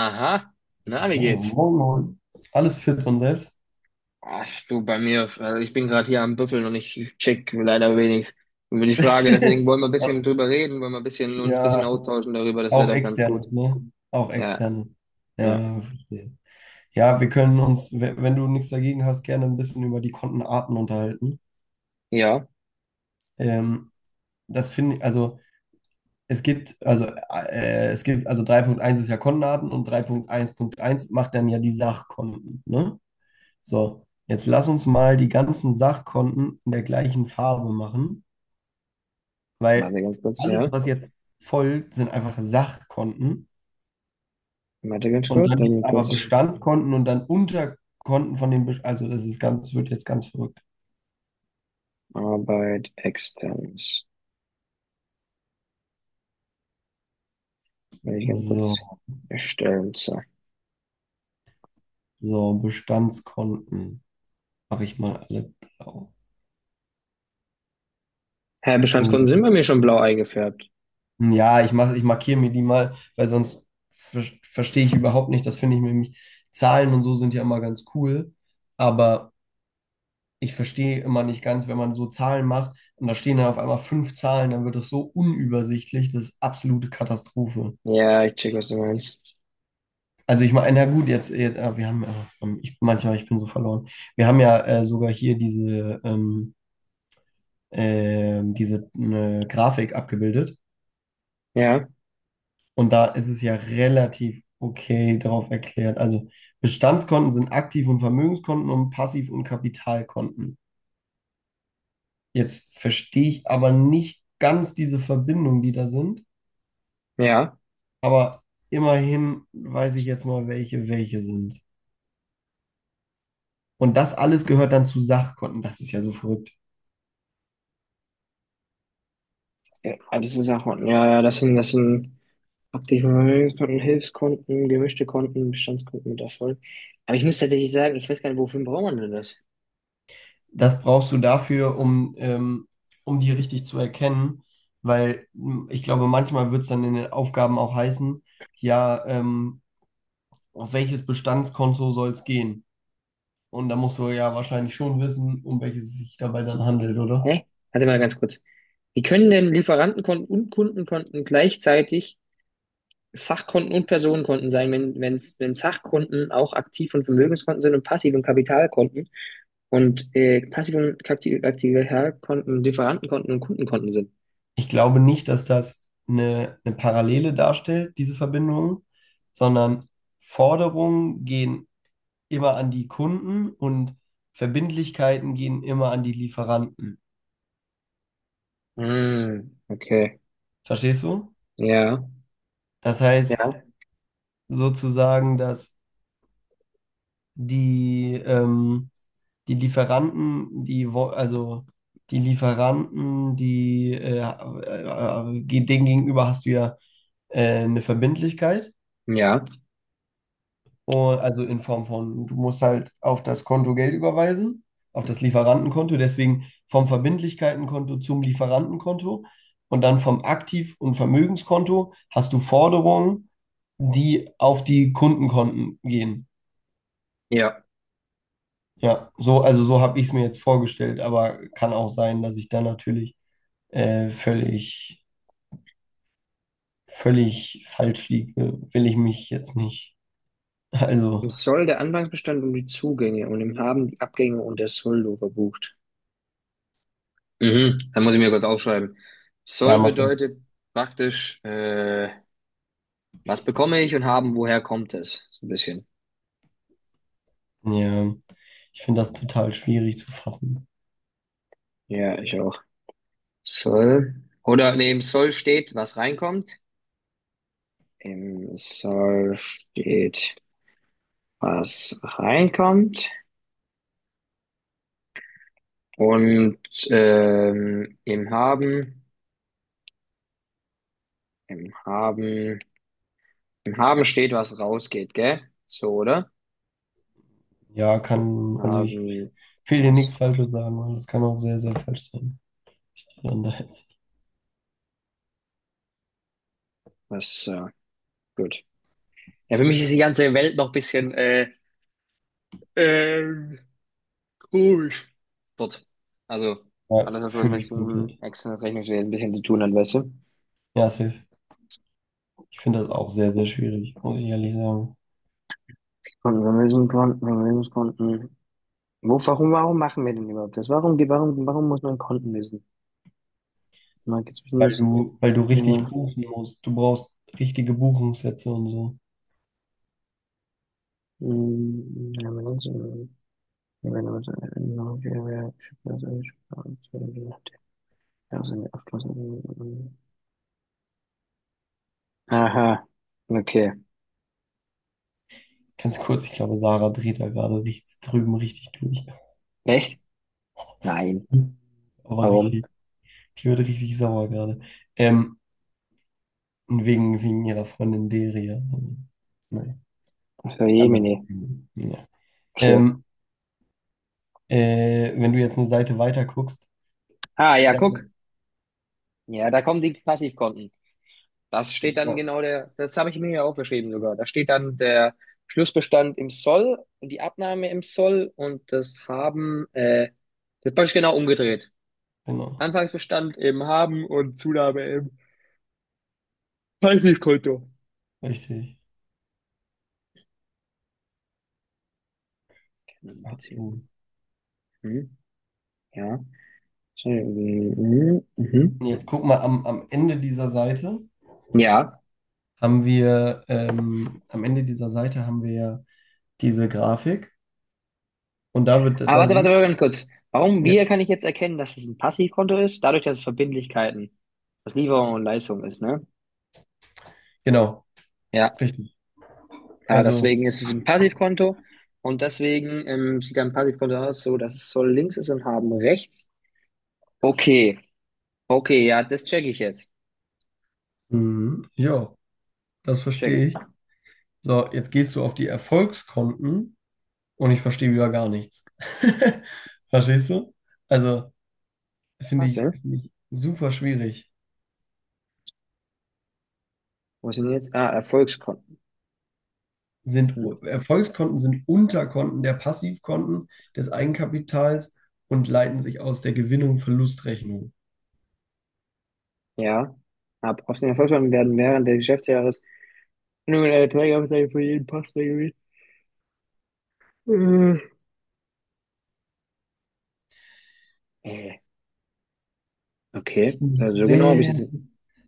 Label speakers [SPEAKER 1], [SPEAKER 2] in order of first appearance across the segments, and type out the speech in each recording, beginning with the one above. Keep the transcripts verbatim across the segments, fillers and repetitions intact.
[SPEAKER 1] Aha, na, wie
[SPEAKER 2] Moin,
[SPEAKER 1] geht's?
[SPEAKER 2] moin, moin. Alles fit und selbst?
[SPEAKER 1] Ach, du, bei mir, also ich bin gerade hier am Büffeln und ich check leider wenig über die Frage, deswegen wollen wir ein
[SPEAKER 2] Was?
[SPEAKER 1] bisschen drüber reden, wollen wir ein bisschen, uns ein bisschen
[SPEAKER 2] Ja,
[SPEAKER 1] austauschen darüber, das
[SPEAKER 2] auch
[SPEAKER 1] wäre doch ganz gut.
[SPEAKER 2] externes, ne? Auch
[SPEAKER 1] Ja,
[SPEAKER 2] externe.
[SPEAKER 1] ja,
[SPEAKER 2] Ja, verstehe. Ja, wir können uns, we- wenn du nichts dagegen hast, gerne ein bisschen über die Kontenarten unterhalten.
[SPEAKER 1] ja,
[SPEAKER 2] Ähm, Das finde ich, also es gibt, also äh, es gibt, also drei Punkt eins ist ja Kontenarten und drei Punkt eins Punkt eins macht dann ja die Sachkonten, ne? So, jetzt lass uns mal die ganzen Sachkonten in der gleichen Farbe machen. Weil
[SPEAKER 1] warte ganz kurz,
[SPEAKER 2] alles,
[SPEAKER 1] ja,
[SPEAKER 2] was jetzt folgt, sind einfach Sachkonten.
[SPEAKER 1] warte ganz
[SPEAKER 2] Und
[SPEAKER 1] kurz,
[SPEAKER 2] dann gibt es
[SPEAKER 1] dann
[SPEAKER 2] aber
[SPEAKER 1] kurz
[SPEAKER 2] Bestandskonten und dann Unterkonten von den Bestand. Also das ist ganz, wird jetzt ganz verrückt.
[SPEAKER 1] Arbeit externes, wenn ich ganz
[SPEAKER 2] So,
[SPEAKER 1] kurz erstellen, so.
[SPEAKER 2] so, Bestandskonten. Mache ich mal alle blau.
[SPEAKER 1] Hä, Bestandskunden sind
[SPEAKER 2] So.
[SPEAKER 1] bei mir schon blau eingefärbt.
[SPEAKER 2] Ja, ich mach, ich markiere mir die mal, weil sonst ver verstehe ich überhaupt nicht. Das finde ich nämlich, Zahlen und so sind ja immer ganz cool. Aber ich verstehe immer nicht ganz, wenn man so Zahlen macht und da stehen dann auf einmal fünf Zahlen, dann wird das so unübersichtlich, das ist absolute Katastrophe.
[SPEAKER 1] Ja, ich check, was du meinst.
[SPEAKER 2] Also ich meine, na gut, jetzt, jetzt äh, wir haben, äh, ähm, ich, manchmal, ich bin so verloren. Wir haben ja äh, sogar hier diese, ähm, äh, diese ne, Grafik abgebildet
[SPEAKER 1] Ja,
[SPEAKER 2] und da ist es ja relativ okay drauf erklärt. Also Bestandskonten sind Aktiv- und Vermögenskonten und Passiv- und Kapitalkonten. Jetzt verstehe ich aber nicht ganz diese Verbindungen, die da sind.
[SPEAKER 1] ja,
[SPEAKER 2] Aber immerhin weiß ich jetzt mal, welche welche sind. Und das alles gehört dann zu Sachkonten. Das ist ja so verrückt.
[SPEAKER 1] ja, das ist auch, ja, ja, das sind, das sind, Aktiven Hilfskonten, gemischte Konten, Bestandskonten mit Erfolg. Aber ich muss tatsächlich sagen, ich weiß gar nicht, wofür braucht man denn das?
[SPEAKER 2] Das brauchst du dafür, um, ähm, um die richtig zu erkennen, weil m, ich glaube, manchmal wird es dann in den Aufgaben auch heißen, ja, ähm, auf welches Bestandskonto soll es gehen? Und da musst du ja wahrscheinlich schon wissen, um welches es sich dabei dann handelt, oder?
[SPEAKER 1] Hä? Warte mal ganz kurz. Wie können denn Lieferantenkonten und Kundenkonten gleichzeitig Sachkonten und Personenkonten sein, wenn, wenn's, wenn Sachkonten auch Aktiv- und Vermögenskonten sind und Passiv- und Kapitalkonten und äh, Passiv- und Kapti- Kapitalkonten, Lieferantenkonten und Kundenkonten sind?
[SPEAKER 2] Ich glaube nicht, dass das eine, eine Parallele darstellt, diese Verbindung, sondern Forderungen gehen immer an die Kunden und Verbindlichkeiten gehen immer an die Lieferanten.
[SPEAKER 1] Hm, okay.
[SPEAKER 2] Verstehst du?
[SPEAKER 1] Ja,
[SPEAKER 2] Das heißt
[SPEAKER 1] ja,
[SPEAKER 2] sozusagen, dass die, ähm, die Lieferanten, die, wo- also die Lieferanten, die, äh, äh, äh, denen gegenüber hast du ja äh, eine Verbindlichkeit.
[SPEAKER 1] ja,
[SPEAKER 2] Und, also in Form von, du musst halt auf das Konto Geld überweisen, auf das Lieferantenkonto, deswegen vom Verbindlichkeitenkonto zum Lieferantenkonto und dann vom Aktiv- und Vermögenskonto hast du Forderungen, die auf die Kundenkonten gehen.
[SPEAKER 1] ja.
[SPEAKER 2] Ja, so, also so habe ich es mir jetzt vorgestellt, aber kann auch sein, dass ich da natürlich äh, völlig, völlig falsch liege. Will ich mich jetzt nicht.
[SPEAKER 1] Im
[SPEAKER 2] Also,
[SPEAKER 1] Soll der Anfangsbestand und die Zugänge und im Haben die Abgänge und der Soldo verbucht. Mhm, dann muss ich mir kurz aufschreiben.
[SPEAKER 2] ja,
[SPEAKER 1] Soll
[SPEAKER 2] mach das.
[SPEAKER 1] bedeutet praktisch, äh, was bekomme ich und haben, woher kommt es? So ein bisschen.
[SPEAKER 2] Ja, ich finde das total schwierig zu fassen.
[SPEAKER 1] Ja, ich auch. Soll. Oder nee, Soll steht, was reinkommt. Im Soll steht, was reinkommt. Und ähm, im Haben, im Haben, im Haben steht, was rausgeht, gell? So, oder?
[SPEAKER 2] Ja, kann, also ich
[SPEAKER 1] Haben
[SPEAKER 2] will dir
[SPEAKER 1] was,
[SPEAKER 2] nichts Falsches sagen, weil das kann auch sehr, sehr falsch sein. Ich die dann da jetzt.
[SPEAKER 1] was, äh, gut. Ja, für mich ist die ganze Welt noch ein bisschen äh, ähm, komisch. Dort. Also,
[SPEAKER 2] Ja,
[SPEAKER 1] alles, was in
[SPEAKER 2] fühle ich
[SPEAKER 1] Richtung
[SPEAKER 2] komplett.
[SPEAKER 1] externes Rechnungswesen ein bisschen zu tun hat, weißt du?
[SPEAKER 2] Ja, safe. Ich finde das auch sehr, sehr schwierig, muss ich ehrlich sagen.
[SPEAKER 1] Und Vermögenskonten, Vermögenskonten. Wo, warum, warum machen wir denn überhaupt das? Warum, warum, warum muss man Konten wissen? Man geht zwischen
[SPEAKER 2] Weil
[SPEAKER 1] das,
[SPEAKER 2] du, weil du
[SPEAKER 1] ja,
[SPEAKER 2] richtig
[SPEAKER 1] ja,
[SPEAKER 2] buchen musst. Du brauchst richtige Buchungssätze und so.
[SPEAKER 1] mm, ja, man muss, äh, ja, wenn man so, äh, noch, ja, ja, ich weiß nicht, ich weiß nicht, ja, so eine Abschluss- Aha, okay.
[SPEAKER 2] Ganz kurz, ich glaube, Sarah dreht da gerade richtig drüben richtig durch.
[SPEAKER 1] Echt? Nein.
[SPEAKER 2] Aber
[SPEAKER 1] Warum?
[SPEAKER 2] richtig, die wird richtig sauer gerade. Ähm, und wegen, wegen ihrer Freundin Deria. Nein,
[SPEAKER 1] Für so,
[SPEAKER 2] anderes
[SPEAKER 1] Jemine.
[SPEAKER 2] Thema. Ja.
[SPEAKER 1] Okay.
[SPEAKER 2] Ähm, Äh, wenn du jetzt eine Seite weiter guckst,
[SPEAKER 1] Ah, ja,
[SPEAKER 2] das
[SPEAKER 1] guck.
[SPEAKER 2] ist,
[SPEAKER 1] Ja, da kommen die Passivkonten. Das steht dann
[SPEAKER 2] ja,
[SPEAKER 1] genau der, das habe ich mir ja aufgeschrieben sogar. Da steht dann der Schlussbestand im Soll und die Abnahme im Soll und das Haben, äh, das ist praktisch genau umgedreht.
[SPEAKER 2] genau,
[SPEAKER 1] Anfangsbestand im Haben und Zunahme im Passivkonto.
[SPEAKER 2] richtig. Ach du.
[SPEAKER 1] Beziehung. Hm, ja. Hm, mhm.
[SPEAKER 2] Nee, jetzt guck mal, am, am Ende dieser Seite
[SPEAKER 1] Ja.
[SPEAKER 2] haben wir, ähm, am Ende dieser Seite haben wir ja diese Grafik und da wird,
[SPEAKER 1] Aber
[SPEAKER 2] da
[SPEAKER 1] warte, warte,
[SPEAKER 2] sieht,
[SPEAKER 1] warte, ganz kurz. Warum,
[SPEAKER 2] ja,
[SPEAKER 1] wie kann ich jetzt erkennen, dass es ein Passivkonto ist? Dadurch, dass es Verbindlichkeiten, dass Lieferung und Leistung ist, ne?
[SPEAKER 2] genau,
[SPEAKER 1] Ja,
[SPEAKER 2] richtig.
[SPEAKER 1] ja,
[SPEAKER 2] Also,
[SPEAKER 1] deswegen ist es ein Passivkonto und deswegen ähm, sieht ein Passivkonto aus, so dass es Soll links ist und Haben rechts. Okay, okay, ja, das checke ich jetzt.
[SPEAKER 2] mhm, ja, das
[SPEAKER 1] Check
[SPEAKER 2] verstehe
[SPEAKER 1] ich.
[SPEAKER 2] ich. So, jetzt gehst du auf die Erfolgskonten und ich verstehe wieder gar nichts. Verstehst du? Also, finde ich,
[SPEAKER 1] Warte,
[SPEAKER 2] finde ich super schwierig.
[SPEAKER 1] wo sind jetzt? Ah, Erfolgskonten.
[SPEAKER 2] Sind
[SPEAKER 1] Hm,
[SPEAKER 2] Erfolgskonten sind Unterkonten der Passivkonten des Eigenkapitals und leiten sich aus der Gewinnung Verlustrechnung.
[SPEAKER 1] ja. Ab aus den Erfolgskonten werden während des Geschäftsjahres nur eine Erträge für jeden Pass reguliert. Äh,
[SPEAKER 2] Das
[SPEAKER 1] okay,
[SPEAKER 2] finde ich
[SPEAKER 1] also so genau habe ich
[SPEAKER 2] sehr,
[SPEAKER 1] es.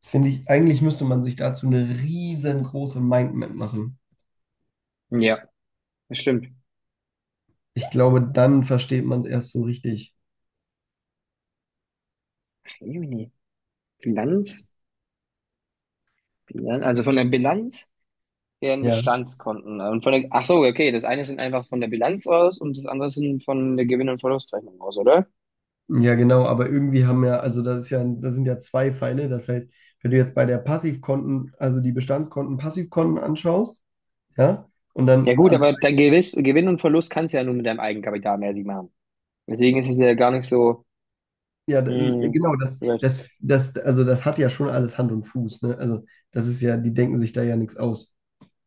[SPEAKER 2] das finde ich, eigentlich müsste man sich dazu eine riesengroße Mindmap machen.
[SPEAKER 1] Ja. Das stimmt.
[SPEAKER 2] Ich glaube, dann versteht man es erst so richtig.
[SPEAKER 1] Jemini. Bilanz? Bilanz? Also von der Bilanz deren
[SPEAKER 2] Ja,
[SPEAKER 1] Bestandskonten. äh, Und von der, ach so, okay, das eine sind einfach von der Bilanz aus und das andere sind von der Gewinn- und Verlustrechnung aus, oder?
[SPEAKER 2] ja, genau, aber irgendwie haben ja, also das ist ja, das sind ja zwei Pfeile. Das heißt, wenn du jetzt bei der Passivkonten, also die Bestandskonten, Passivkonten anschaust, ja, und
[SPEAKER 1] Ja
[SPEAKER 2] dann
[SPEAKER 1] gut,
[SPEAKER 2] ans.
[SPEAKER 1] aber dein Gewiss, Gewinn und Verlust kannst du ja nur mit deinem Eigenkapital mäßig machen. Deswegen ist es ja gar nicht so,
[SPEAKER 2] Ja, d- n-
[SPEAKER 1] hm,
[SPEAKER 2] genau, das,
[SPEAKER 1] so weit.
[SPEAKER 2] das, das, also das hat ja schon alles Hand und Fuß, ne? Also das ist ja, die denken sich da ja nichts aus.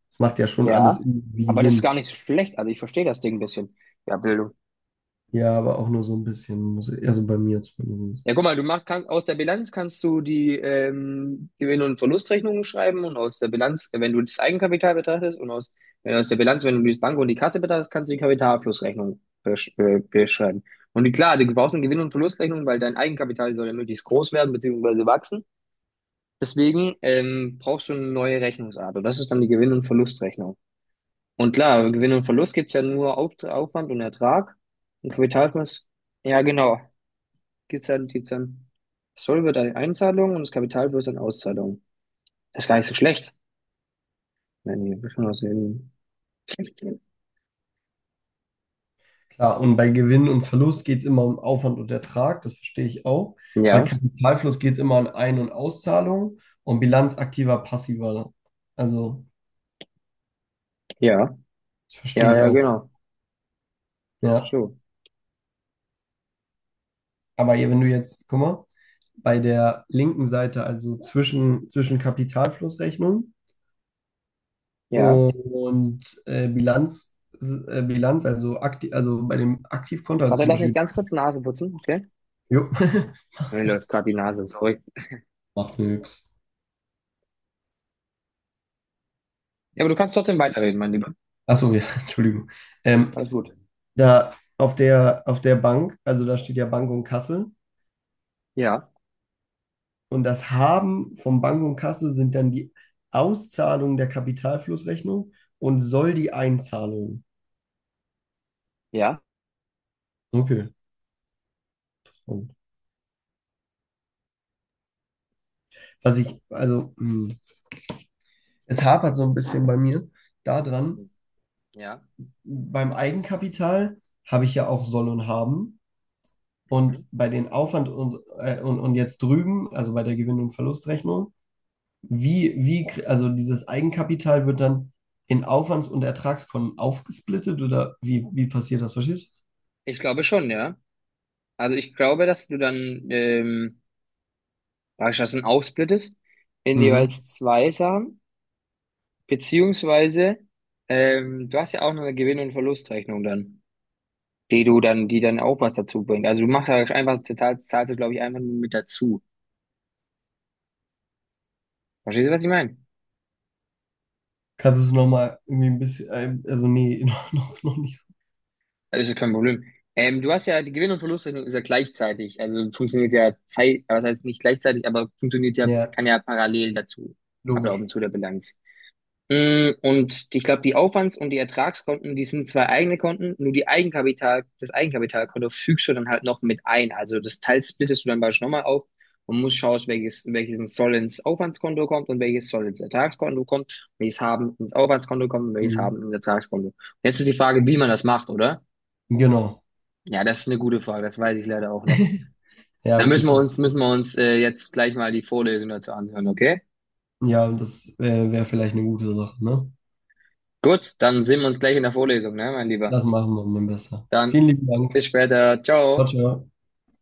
[SPEAKER 2] Das macht ja schon alles
[SPEAKER 1] Ja,
[SPEAKER 2] irgendwie
[SPEAKER 1] aber das ist gar
[SPEAKER 2] Sinn.
[SPEAKER 1] nicht so schlecht. Also ich verstehe das Ding ein bisschen. Ja, Bildung.
[SPEAKER 2] Ja, aber auch nur so ein bisschen, muss ich, also bei mir zumindest.
[SPEAKER 1] Ja, guck mal, du machst kann, aus der Bilanz kannst du die ähm, Gewinn- und Verlustrechnungen schreiben und aus der Bilanz, äh, wenn du das Eigenkapital betrachtest und aus, wenn aus der Bilanz, wenn du die Bank und die Kasse betrachtest, kannst du die Kapitalflussrechnung besch äh, beschreiben. Und die, klar, du brauchst eine Gewinn- und Verlustrechnung, weil dein Eigenkapital soll ja möglichst groß werden beziehungsweise wachsen. Deswegen ähm, brauchst du eine neue Rechnungsart und das ist dann die Gewinn- und Verlustrechnung. Und klar, Gewinn und Verlust gibt's ja nur Auf Aufwand und Ertrag und Kapitalfluss. Ja, genau. Gibt's dann, gibt's dann. Das Soll wird eine Einzahlung und das Kapital wird eine Auszahlung. Das ist gar nicht so schlecht. Nein, hier wird schon was sehen.
[SPEAKER 2] Klar, und bei Gewinn und Verlust geht es immer um Aufwand und Ertrag, das verstehe ich auch. Bei
[SPEAKER 1] Ja,
[SPEAKER 2] Kapitalfluss geht es immer um Ein- und Auszahlungen und Bilanz aktiver, passiver. Also,
[SPEAKER 1] ja,
[SPEAKER 2] das verstehe
[SPEAKER 1] ja,
[SPEAKER 2] ich
[SPEAKER 1] ja,
[SPEAKER 2] auch.
[SPEAKER 1] genau.
[SPEAKER 2] Ja.
[SPEAKER 1] So,
[SPEAKER 2] Aber hier, wenn du jetzt, guck mal, bei der linken Seite, also zwischen, zwischen Kapitalflussrechnung,
[SPEAKER 1] ja.
[SPEAKER 2] und äh, Bilanz, äh, Bilanz, also aktiv, also bei dem Aktivkonto, also
[SPEAKER 1] Warte,
[SPEAKER 2] zum
[SPEAKER 1] lass mich
[SPEAKER 2] Beispiel,
[SPEAKER 1] ganz kurz Nase putzen, okay?
[SPEAKER 2] jo,
[SPEAKER 1] Mir
[SPEAKER 2] macht das,
[SPEAKER 1] läuft gerade die Nase, sorry.
[SPEAKER 2] macht nix.
[SPEAKER 1] Ja, aber du kannst trotzdem weiterreden, mein Lieber.
[SPEAKER 2] Achso, ja, Entschuldigung. Ähm,
[SPEAKER 1] Alles gut.
[SPEAKER 2] Da auf der, auf der Bank, also da steht ja Bank und Kasse.
[SPEAKER 1] Ja,
[SPEAKER 2] Und das Haben von Bank und Kasse sind dann die Auszahlung der Kapitalflussrechnung und soll die Einzahlung.
[SPEAKER 1] ja,
[SPEAKER 2] Okay. Was ich, also, mh, es hapert so ein bisschen bei mir daran,
[SPEAKER 1] ja.
[SPEAKER 2] beim Eigenkapital habe ich ja auch soll und haben.
[SPEAKER 1] Mhm.
[SPEAKER 2] Und bei den Aufwand und, äh, und, und jetzt drüben, also bei der Gewinn- und Verlustrechnung, wie, wie, kr- also dieses Eigenkapital wird dann in Aufwands- und Ertragskonten aufgesplittet oder wie, wie passiert das? Verstehst
[SPEAKER 1] Ich glaube schon, ja. Also ich glaube, dass du dann, ähm, dass du das dann aufsplittest in
[SPEAKER 2] du? Mhm.
[SPEAKER 1] jeweils zwei Sachen. Beziehungsweise, ähm, du hast ja auch noch eine Gewinn- und Verlustrechnung dann, die du dann, die dann auch was dazu bringt. Also du machst halt einfach, total, zahlst du, glaube ich, einfach nur mit dazu. Verstehst du, was ich meine?
[SPEAKER 2] Kannst du es nochmal irgendwie ein bisschen, äh, also nee, noch, noch, noch nicht so.
[SPEAKER 1] Das ist kein Problem. Ähm, du hast ja, die Gewinn- und Verlustrechnung ist ja gleichzeitig, also funktioniert ja Zeit, aber heißt nicht gleichzeitig, aber funktioniert ja,
[SPEAKER 2] Ja,
[SPEAKER 1] kann ja parallel dazu ablaufen
[SPEAKER 2] logisch.
[SPEAKER 1] zu der Bilanz. Mm, Und ich glaube, die Aufwands- und die Ertragskonten, die sind zwei eigene Konten, nur die Eigenkapital, das Eigenkapitalkonto fügst du dann halt noch mit ein. Also das Teil splittest du dann beispielsweise nochmal auf und musst schauen, welches, welches soll ins Aufwandskonto kommt und welches soll ins Ertragskonto kommt, welches haben ins Aufwandskonto kommt und welches
[SPEAKER 2] Mhm.
[SPEAKER 1] haben ins Ertragskonto. Jetzt ist die Frage, wie man das macht, oder?
[SPEAKER 2] Genau.
[SPEAKER 1] Ja, das ist eine gute Frage, das weiß ich leider auch nicht.
[SPEAKER 2] Ja,
[SPEAKER 1] Da
[SPEAKER 2] okay,
[SPEAKER 1] müssen wir
[SPEAKER 2] vielleicht.
[SPEAKER 1] uns, müssen wir uns äh, jetzt gleich mal die Vorlesung dazu anhören, okay?
[SPEAKER 2] Ja, und das äh, wäre vielleicht eine gute Sache, ne?
[SPEAKER 1] Gut, dann sehen wir uns gleich in der Vorlesung, ne, mein Lieber.
[SPEAKER 2] Das machen wir mal besser. Vielen
[SPEAKER 1] Dann
[SPEAKER 2] lieben Dank.
[SPEAKER 1] bis später.
[SPEAKER 2] Ciao,
[SPEAKER 1] Ciao.
[SPEAKER 2] ciao.